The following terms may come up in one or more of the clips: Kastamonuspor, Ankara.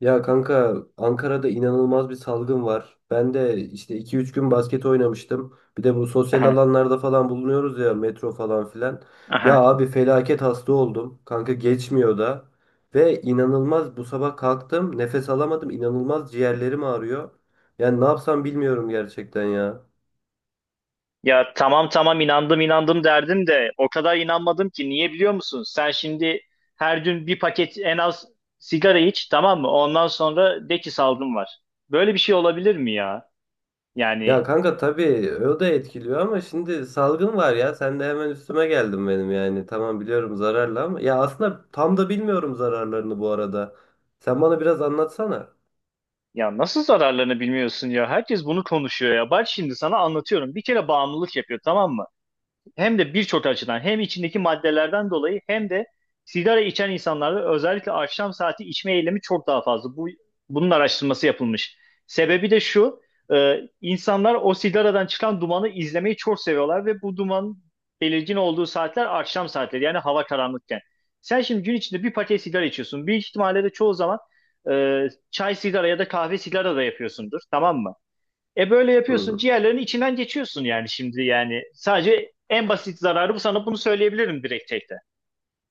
Ya kanka Ankara'da inanılmaz bir salgın var. Ben de işte 2-3 gün basket oynamıştım. Bir de bu sosyal Aha, alanlarda falan bulunuyoruz ya metro falan filan. Ya aha. abi felaket hasta oldum. Kanka geçmiyor da. Ve inanılmaz bu sabah kalktım nefes alamadım. İnanılmaz ciğerlerim ağrıyor. Yani ne yapsam bilmiyorum gerçekten ya. Ya, tamam tamam, inandım inandım derdim de o kadar inanmadım ki, niye biliyor musun? Sen şimdi her gün bir paket en az sigara iç, tamam mı? Ondan sonra de ki salgın var. Böyle bir şey olabilir mi ya? Ya Yani kanka tabii o da etkiliyor ama şimdi salgın var ya sen de hemen üstüme geldin benim, yani tamam biliyorum zararlı ama ya aslında tam da bilmiyorum zararlarını bu arada. Sen bana biraz anlatsana. ya nasıl zararlarını bilmiyorsun ya? Herkes bunu konuşuyor ya. Bak şimdi sana anlatıyorum. Bir kere bağımlılık yapıyor, tamam mı? Hem de birçok açıdan, hem içindeki maddelerden dolayı hem de sigara içen insanlarda özellikle akşam saati içme eylemi çok daha fazla. Bunun araştırması yapılmış. Sebebi de şu, insanlar o sigaradan çıkan dumanı izlemeyi çok seviyorlar ve bu duman belirgin olduğu saatler akşam saatleri, yani hava karanlıkken. Sen şimdi gün içinde bir paket sigara içiyorsun. Büyük ihtimalle de çoğu zaman çay sigara ya da kahve sigara da yapıyorsundur, tamam mı? E böyle yapıyorsun, Hı. ciğerlerinin içinden geçiyorsun yani. Şimdi yani sadece en basit zararı bu, sana bunu söyleyebilirim direkt tekte.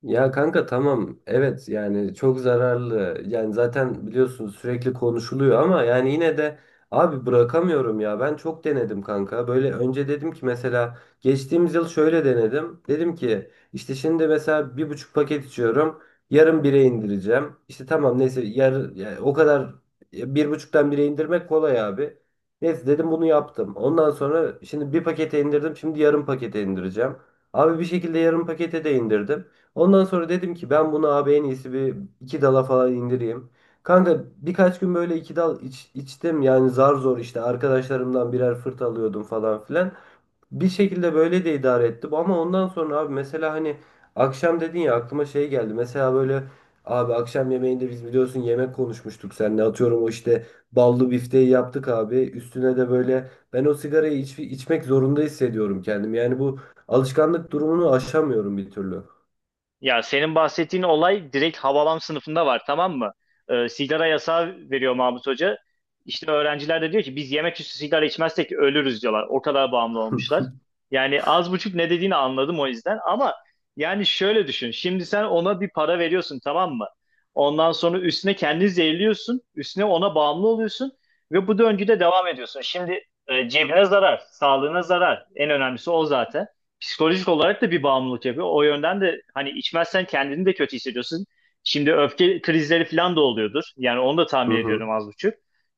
Ya kanka tamam, evet, yani çok zararlı, yani zaten biliyorsun sürekli konuşuluyor ama yani yine de abi bırakamıyorum ya. Ben çok denedim kanka. Böyle önce dedim ki mesela geçtiğimiz yıl şöyle denedim, dedim ki işte şimdi mesela 1,5 paket içiyorum, yarım bire indireceğim işte, tamam neyse yani o kadar, ya bir buçuktan bire indirmek kolay abi. Neyse dedim, bunu yaptım. Ondan sonra şimdi bir pakete indirdim, şimdi yarım pakete indireceğim. Abi bir şekilde yarım pakete de indirdim. Ondan sonra dedim ki ben bunu abi en iyisi bir iki dala falan indireyim. Kanka birkaç gün böyle iki dal içtim, yani zar zor işte arkadaşlarımdan birer fırt alıyordum falan filan. Bir şekilde böyle de idare ettim ama ondan sonra abi mesela hani akşam dedin ya, aklıma şey geldi. Mesela böyle abi akşam yemeğinde biz biliyorsun yemek konuşmuştuk seninle, atıyorum o işte ballı bifteyi yaptık abi. Üstüne de böyle ben o sigarayı içmek zorunda hissediyorum kendim. Yani bu alışkanlık durumunu aşamıyorum bir türlü. Ya senin bahsettiğin olay direkt Havalam sınıfında var, tamam mı? Sigara yasağı veriyor Mahmut Hoca. İşte öğrenciler de diyor ki biz yemek üstü sigara içmezsek ölürüz diyorlar. O kadar bağımlı olmuşlar. Yani az buçuk ne dediğini anladım o yüzden. Ama yani şöyle düşün. Şimdi sen ona bir para veriyorsun, tamam mı? Ondan sonra üstüne kendini zehirliyorsun. Üstüne ona bağımlı oluyorsun. Ve bu döngüde devam ediyorsun. Şimdi cebine zarar, sağlığına zarar. En önemlisi o zaten psikolojik olarak da bir bağımlılık yapıyor. O yönden de hani içmezsen kendini de kötü hissediyorsun. Şimdi öfke krizleri falan da oluyordur. Yani onu da Hı tahmin ediyorum hı. az buçuk.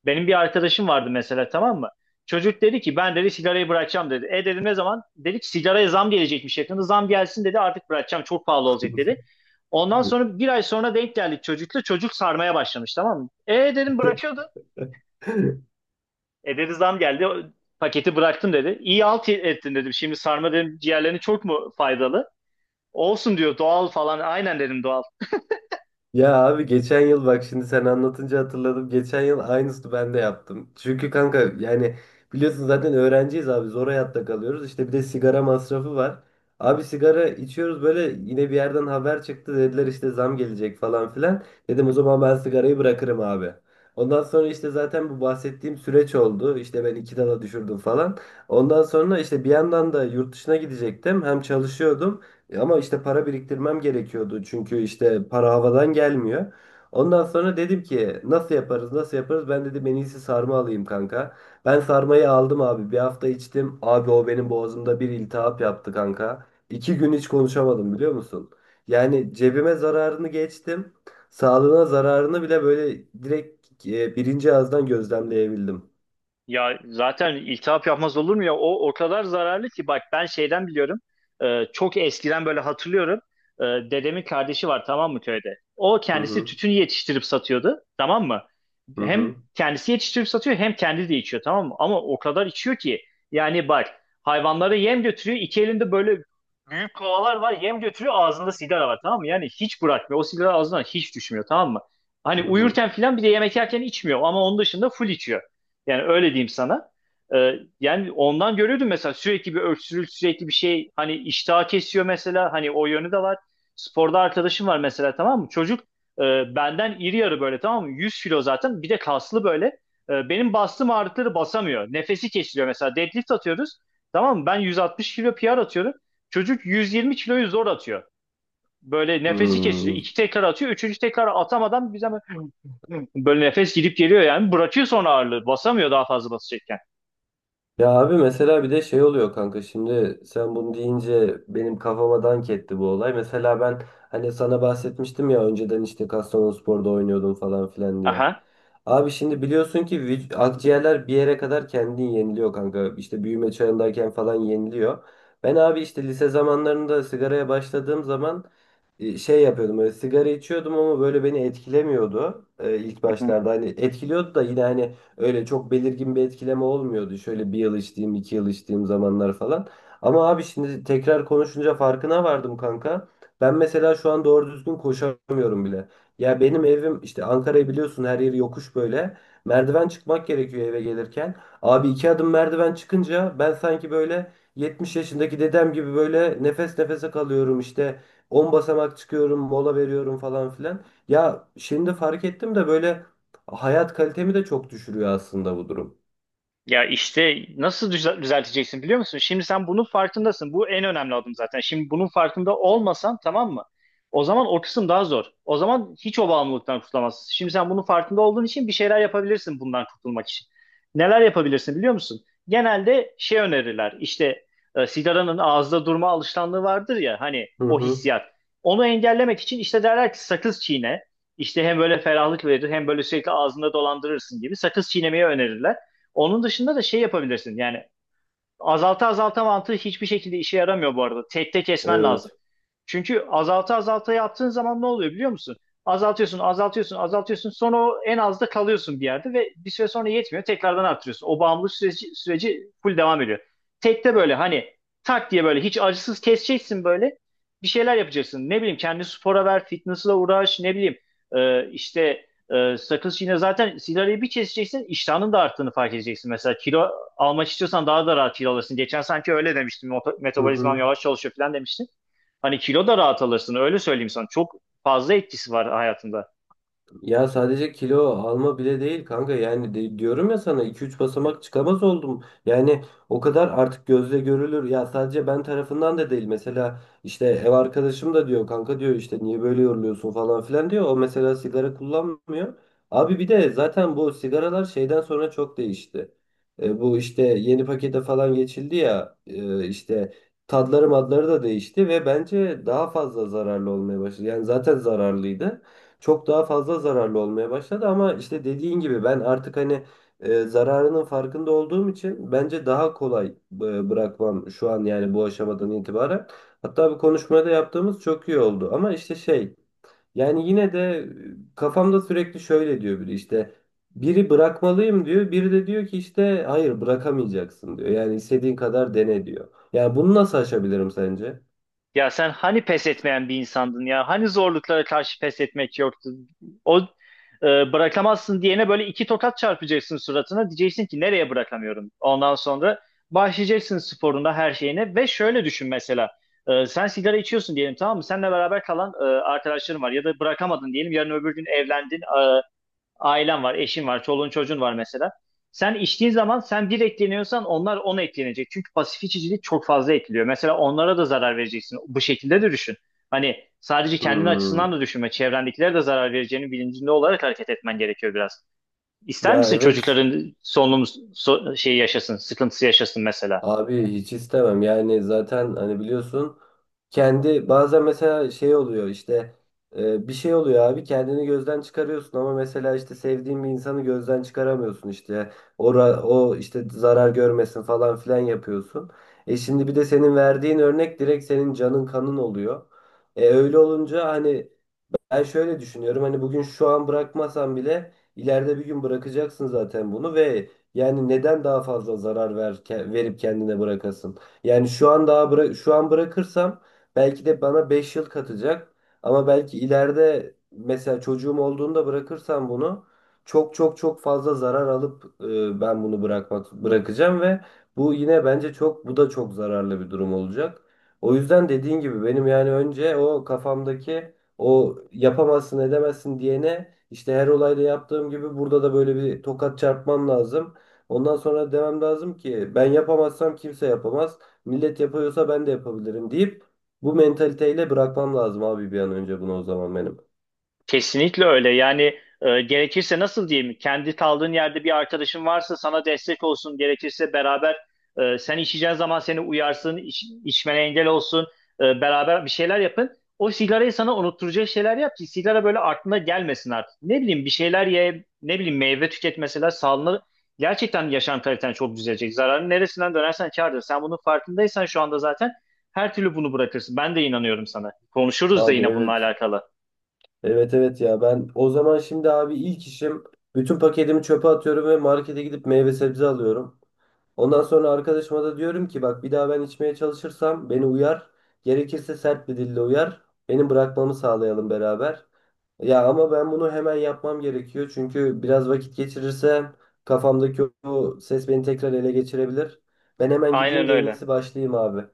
Benim bir arkadaşım vardı mesela, tamam mı? Çocuk dedi ki ben dedi sigarayı bırakacağım dedi. E dedim ne zaman? Dedi ki sigaraya zam gelecekmiş yakında. Zam gelsin dedi artık bırakacağım, çok pahalı olacak dedi. Ondan sonra bir ay sonra denk geldik çocukla. Çocuk sarmaya başlamış, tamam mı? E dedim bırakıyordu. E dedi zam geldi, paketi bıraktım dedi. İyi alt ettin dedim. Şimdi sarma dedim ciğerlerine çok mu faydalı? Olsun diyor, doğal falan. Aynen dedim, doğal. Ya abi geçen yıl bak şimdi sen anlatınca hatırladım. Geçen yıl aynısını ben de yaptım. Çünkü kanka, yani biliyorsun zaten öğrenciyiz abi, zor hayatta kalıyoruz. İşte bir de sigara masrafı var. Abi sigara içiyoruz böyle, yine bir yerden haber çıktı, dediler işte zam gelecek falan filan. Dedim o zaman ben sigarayı bırakırım abi. Ondan sonra işte zaten bu bahsettiğim süreç oldu. İşte ben iki dala düşürdüm falan. Ondan sonra işte bir yandan da yurt dışına gidecektim. Hem çalışıyordum. E Ama işte para biriktirmem gerekiyordu, çünkü işte para havadan gelmiyor. Ondan sonra dedim ki nasıl yaparız, nasıl yaparız, ben dedim en iyisi sarma alayım kanka. Ben sarmayı aldım abi, bir hafta içtim abi, o benim boğazımda bir iltihap yaptı kanka. 2 gün hiç konuşamadım, biliyor musun? Yani cebime zararını geçtim, sağlığına zararını bile böyle direkt birinci ağızdan gözlemleyebildim. Ya zaten iltihap yapmaz olur mu ya? O kadar zararlı ki, bak ben şeyden biliyorum. Çok eskiden böyle hatırlıyorum. Dedemin kardeşi var tamam mı köyde? O Hı kendisi hı, tütün yetiştirip satıyordu, tamam mı? hı Hem hı, kendisi yetiştirip satıyor hem kendi de içiyor, tamam mı? Ama o kadar içiyor ki, yani bak, hayvanlara yem götürüyor. İki elinde böyle büyük kovalar var, yem götürüyor, ağzında sigara var, tamam mı? Yani hiç bırakmıyor. O sigara ağzından hiç düşmüyor, tamam mı? Hani hı uyurken filan bir de yemek yerken içmiyor ama onun dışında full içiyor. Yani öyle diyeyim sana. Ee, Yani ondan görüyordum mesela, sürekli bir öksürük, sürekli bir şey, hani iştah kesiyor mesela, hani o yönü de var. Sporda arkadaşım var mesela, tamam mı? Çocuk benden iri yarı böyle, tamam mı? 100 kilo zaten, bir de kaslı böyle. E, benim bastığım ağırlıkları basamıyor. Nefesi kesiliyor. Mesela deadlift atıyoruz. Tamam mı? Ben 160 kilo PR atıyorum. Çocuk 120 kiloyu zor atıyor. Böyle hı. nefesi kesiliyor. Hı. İki tekrar atıyor. Üçüncü tekrar atamadan bize böyle nefes gidip geliyor yani. Bırakıyor sonra ağırlığı. Basamıyor, daha fazla basacak. Ya abi mesela bir de şey oluyor kanka, şimdi sen bunu deyince benim kafama dank etti bu olay. Mesela ben hani sana bahsetmiştim ya önceden işte Kastamonuspor'da oynuyordum falan filan diye. Ajá. Abi şimdi biliyorsun ki akciğerler bir yere kadar kendini yeniliyor kanka. İşte büyüme çağındayken falan yeniliyor. Ben abi işte lise zamanlarında sigaraya başladığım zaman şey yapıyordum. Böyle sigara içiyordum ama böyle beni etkilemiyordu ilk başlarda. Hani etkiliyordu da yine hani öyle çok belirgin bir etkileme olmuyordu. Şöyle bir yıl içtiğim, 2 yıl içtiğim zamanlar falan. Ama abi şimdi tekrar konuşunca farkına vardım kanka. Ben mesela şu an doğru düzgün koşamıyorum bile. Ya benim evim, işte Ankara'yı biliyorsun, her yeri yokuş böyle. Merdiven çıkmak gerekiyor eve gelirken. Abi iki adım merdiven çıkınca ben sanki böyle 70 yaşındaki dedem gibi böyle nefes nefese kalıyorum işte. 10 basamak çıkıyorum, mola veriyorum falan filan. Ya şimdi fark ettim de böyle, hayat kalitemi de çok düşürüyor aslında bu durum. Ya işte nasıl düzelteceksin biliyor musun? Şimdi sen bunun farkındasın. Bu en önemli adım zaten. Şimdi bunun farkında olmasan, tamam mı? O zaman o kısım daha zor. O zaman hiç o bağımlılıktan kurtulamazsın. Şimdi sen bunun farkında olduğun için bir şeyler yapabilirsin bundan kurtulmak için. Neler yapabilirsin biliyor musun? Genelde şey önerirler. İşte sigaranın ağızda durma alışkanlığı vardır ya, hani Hı o hı. hissiyat. Onu engellemek için işte derler ki sakız çiğne. İşte hem böyle ferahlık verir hem böyle sürekli ağzında dolandırırsın gibi, sakız çiğnemeyi önerirler. Onun dışında da şey yapabilirsin. Yani azalta azalta mantığı hiçbir şekilde işe yaramıyor bu arada. Tek tek kesmen Evet. lazım. Çünkü azalta azalta yaptığın zaman ne oluyor biliyor musun? Azaltıyorsun, azaltıyorsun, azaltıyorsun. Sonra o en azda kalıyorsun bir yerde ve bir süre sonra yetmiyor. Tekrardan arttırıyorsun. O bağımlılık süreci full devam ediyor. Tekte böyle hani, tak diye böyle hiç acısız keseceksin böyle. Bir şeyler yapacaksın. Ne bileyim, kendini spora ver, fitness'la uğraş, ne bileyim, e, işte sakız, yine zaten sigarayı bir keseceksin, iştahının da arttığını fark edeceksin. Mesela kilo almak istiyorsan daha da rahat kilo alırsın. Geçen sanki öyle demiştin, Hı metabolizmam hı. yavaş çalışıyor falan demiştin. Hani kilo da rahat alırsın, öyle söyleyeyim sana. Çok fazla etkisi var hayatında. Ya sadece kilo alma bile değil kanka, yani diyorum ya sana, 2-3 basamak çıkamaz oldum. Yani o kadar artık gözle görülür. Ya sadece ben tarafından da değil. Mesela işte ev arkadaşım da diyor kanka, diyor işte niye böyle yoruluyorsun falan filan diyor. O mesela sigara kullanmıyor. Abi bir de zaten bu sigaralar şeyden sonra çok değişti. E, bu işte yeni pakete falan geçildi ya, e, işte tadları madları da değişti ve bence daha fazla zararlı olmaya başladı. Yani zaten zararlıydı, çok daha fazla zararlı olmaya başladı ama işte dediğin gibi ben artık hani zararının farkında olduğum için bence daha kolay bırakmam şu an, yani bu aşamadan itibaren. Hatta bir konuşmada yaptığımız çok iyi oldu ama işte şey, yani yine de kafamda sürekli şöyle diyor biri, işte biri bırakmalıyım diyor, biri de diyor ki işte hayır bırakamayacaksın diyor, yani istediğin kadar dene diyor. Yani bunu nasıl aşabilirim sence? Ya sen hani pes etmeyen bir insandın ya? Hani zorluklara karşı pes etmek yoktu? O Bırakamazsın diyene böyle iki tokat çarpacaksın suratına. Diyeceksin ki nereye bırakamıyorum? Ondan sonra başlayacaksın sporuna, her şeyine ve şöyle düşün mesela. E, sen sigara içiyorsun diyelim, tamam mı? Seninle beraber kalan arkadaşların var ya da bırakamadın diyelim. Yarın öbür gün evlendin. e, Ailen var, eşin var, çoluğun çocuğun var mesela. Sen içtiğin zaman sen bir etkileniyorsan, onlar ona etkilenecek. Çünkü pasif içicilik çok fazla etkiliyor. Mesela onlara da zarar vereceksin. Bu şekilde de düşün. Hani sadece kendin açısından Hmm, da düşünme. Çevrendekilere de zarar vereceğinin bilincinde olarak hareket etmen gerekiyor biraz. İster ya misin evet. çocukların solunum şeyi yaşasın, sıkıntısı yaşasın mesela? Abi hiç istemem, yani zaten hani biliyorsun kendi bazen mesela şey oluyor işte, bir şey oluyor abi, kendini gözden çıkarıyorsun ama mesela işte sevdiğin bir insanı gözden çıkaramıyorsun, işte o işte zarar görmesin falan filan yapıyorsun. E şimdi bir de senin verdiğin örnek direkt senin canın kanın oluyor. E öyle olunca hani ben şöyle düşünüyorum, hani bugün şu an bırakmasan bile ileride bir gün bırakacaksın zaten bunu, ve yani neden daha fazla zarar verip kendine bırakasın? Yani şu an bırakırsam belki de bana 5 yıl katacak, ama belki ileride mesela çocuğum olduğunda bırakırsam bunu çok çok çok fazla zarar alıp ben bunu bırakacağım ve bu yine bence çok bu da çok zararlı bir durum olacak. O yüzden dediğin gibi benim, yani önce o kafamdaki o yapamazsın edemezsin diyene, işte her olayda yaptığım gibi burada da böyle bir tokat çarpmam lazım. Ondan sonra demem lazım ki ben yapamazsam kimse yapamaz. Millet yapıyorsa ben de yapabilirim deyip bu mentaliteyle bırakmam lazım abi bir an önce bunu o zaman benim. Kesinlikle öyle. Yani gerekirse nasıl diyeyim? Kendi kaldığın yerde bir arkadaşın varsa sana destek olsun. Gerekirse beraber, sen içeceğin zaman seni uyarsın, içmene engel olsun. E, beraber bir şeyler yapın. O sigarayı sana unutturacak şeyler yap ki sigara böyle aklına gelmesin artık. Ne bileyim, bir şeyler ye, ne bileyim, meyve tüket mesela. Sağlığına, gerçekten yaşam kaliten çok düzelecek. Zararın neresinden dönersen kârdır. Sen bunun farkındaysan şu anda zaten her türlü bunu bırakırsın. Ben de inanıyorum sana. Konuşuruz da Abi yine bununla evet. alakalı. Evet, evet, ya ben o zaman şimdi abi ilk işim bütün paketimi çöpe atıyorum ve markete gidip meyve sebze alıyorum. Ondan sonra arkadaşıma da diyorum ki bak bir daha ben içmeye çalışırsam beni uyar. Gerekirse sert bir dille uyar. Benim bırakmamı sağlayalım beraber. Ya ama ben bunu hemen yapmam gerekiyor. Çünkü biraz vakit geçirirsem kafamdaki o ses beni tekrar ele geçirebilir. Ben hemen gideyim Aynen de en öyle. iyisi, başlayayım abi.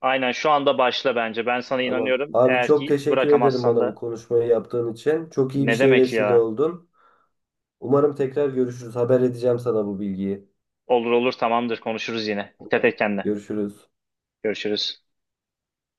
Aynen şu anda başla bence. Ben sana Tamam. inanıyorum. Abi Eğer çok ki teşekkür ederim bırakamazsan bana bu da konuşmayı yaptığın için. Çok iyi bir ne şeye demek vesile ya? oldun. Umarım tekrar görüşürüz. Haber edeceğim sana bu bilgiyi. Olur olur, tamamdır, konuşuruz yine. Dikkat Tamam. et kendine. Görüşürüz. Görüşürüz.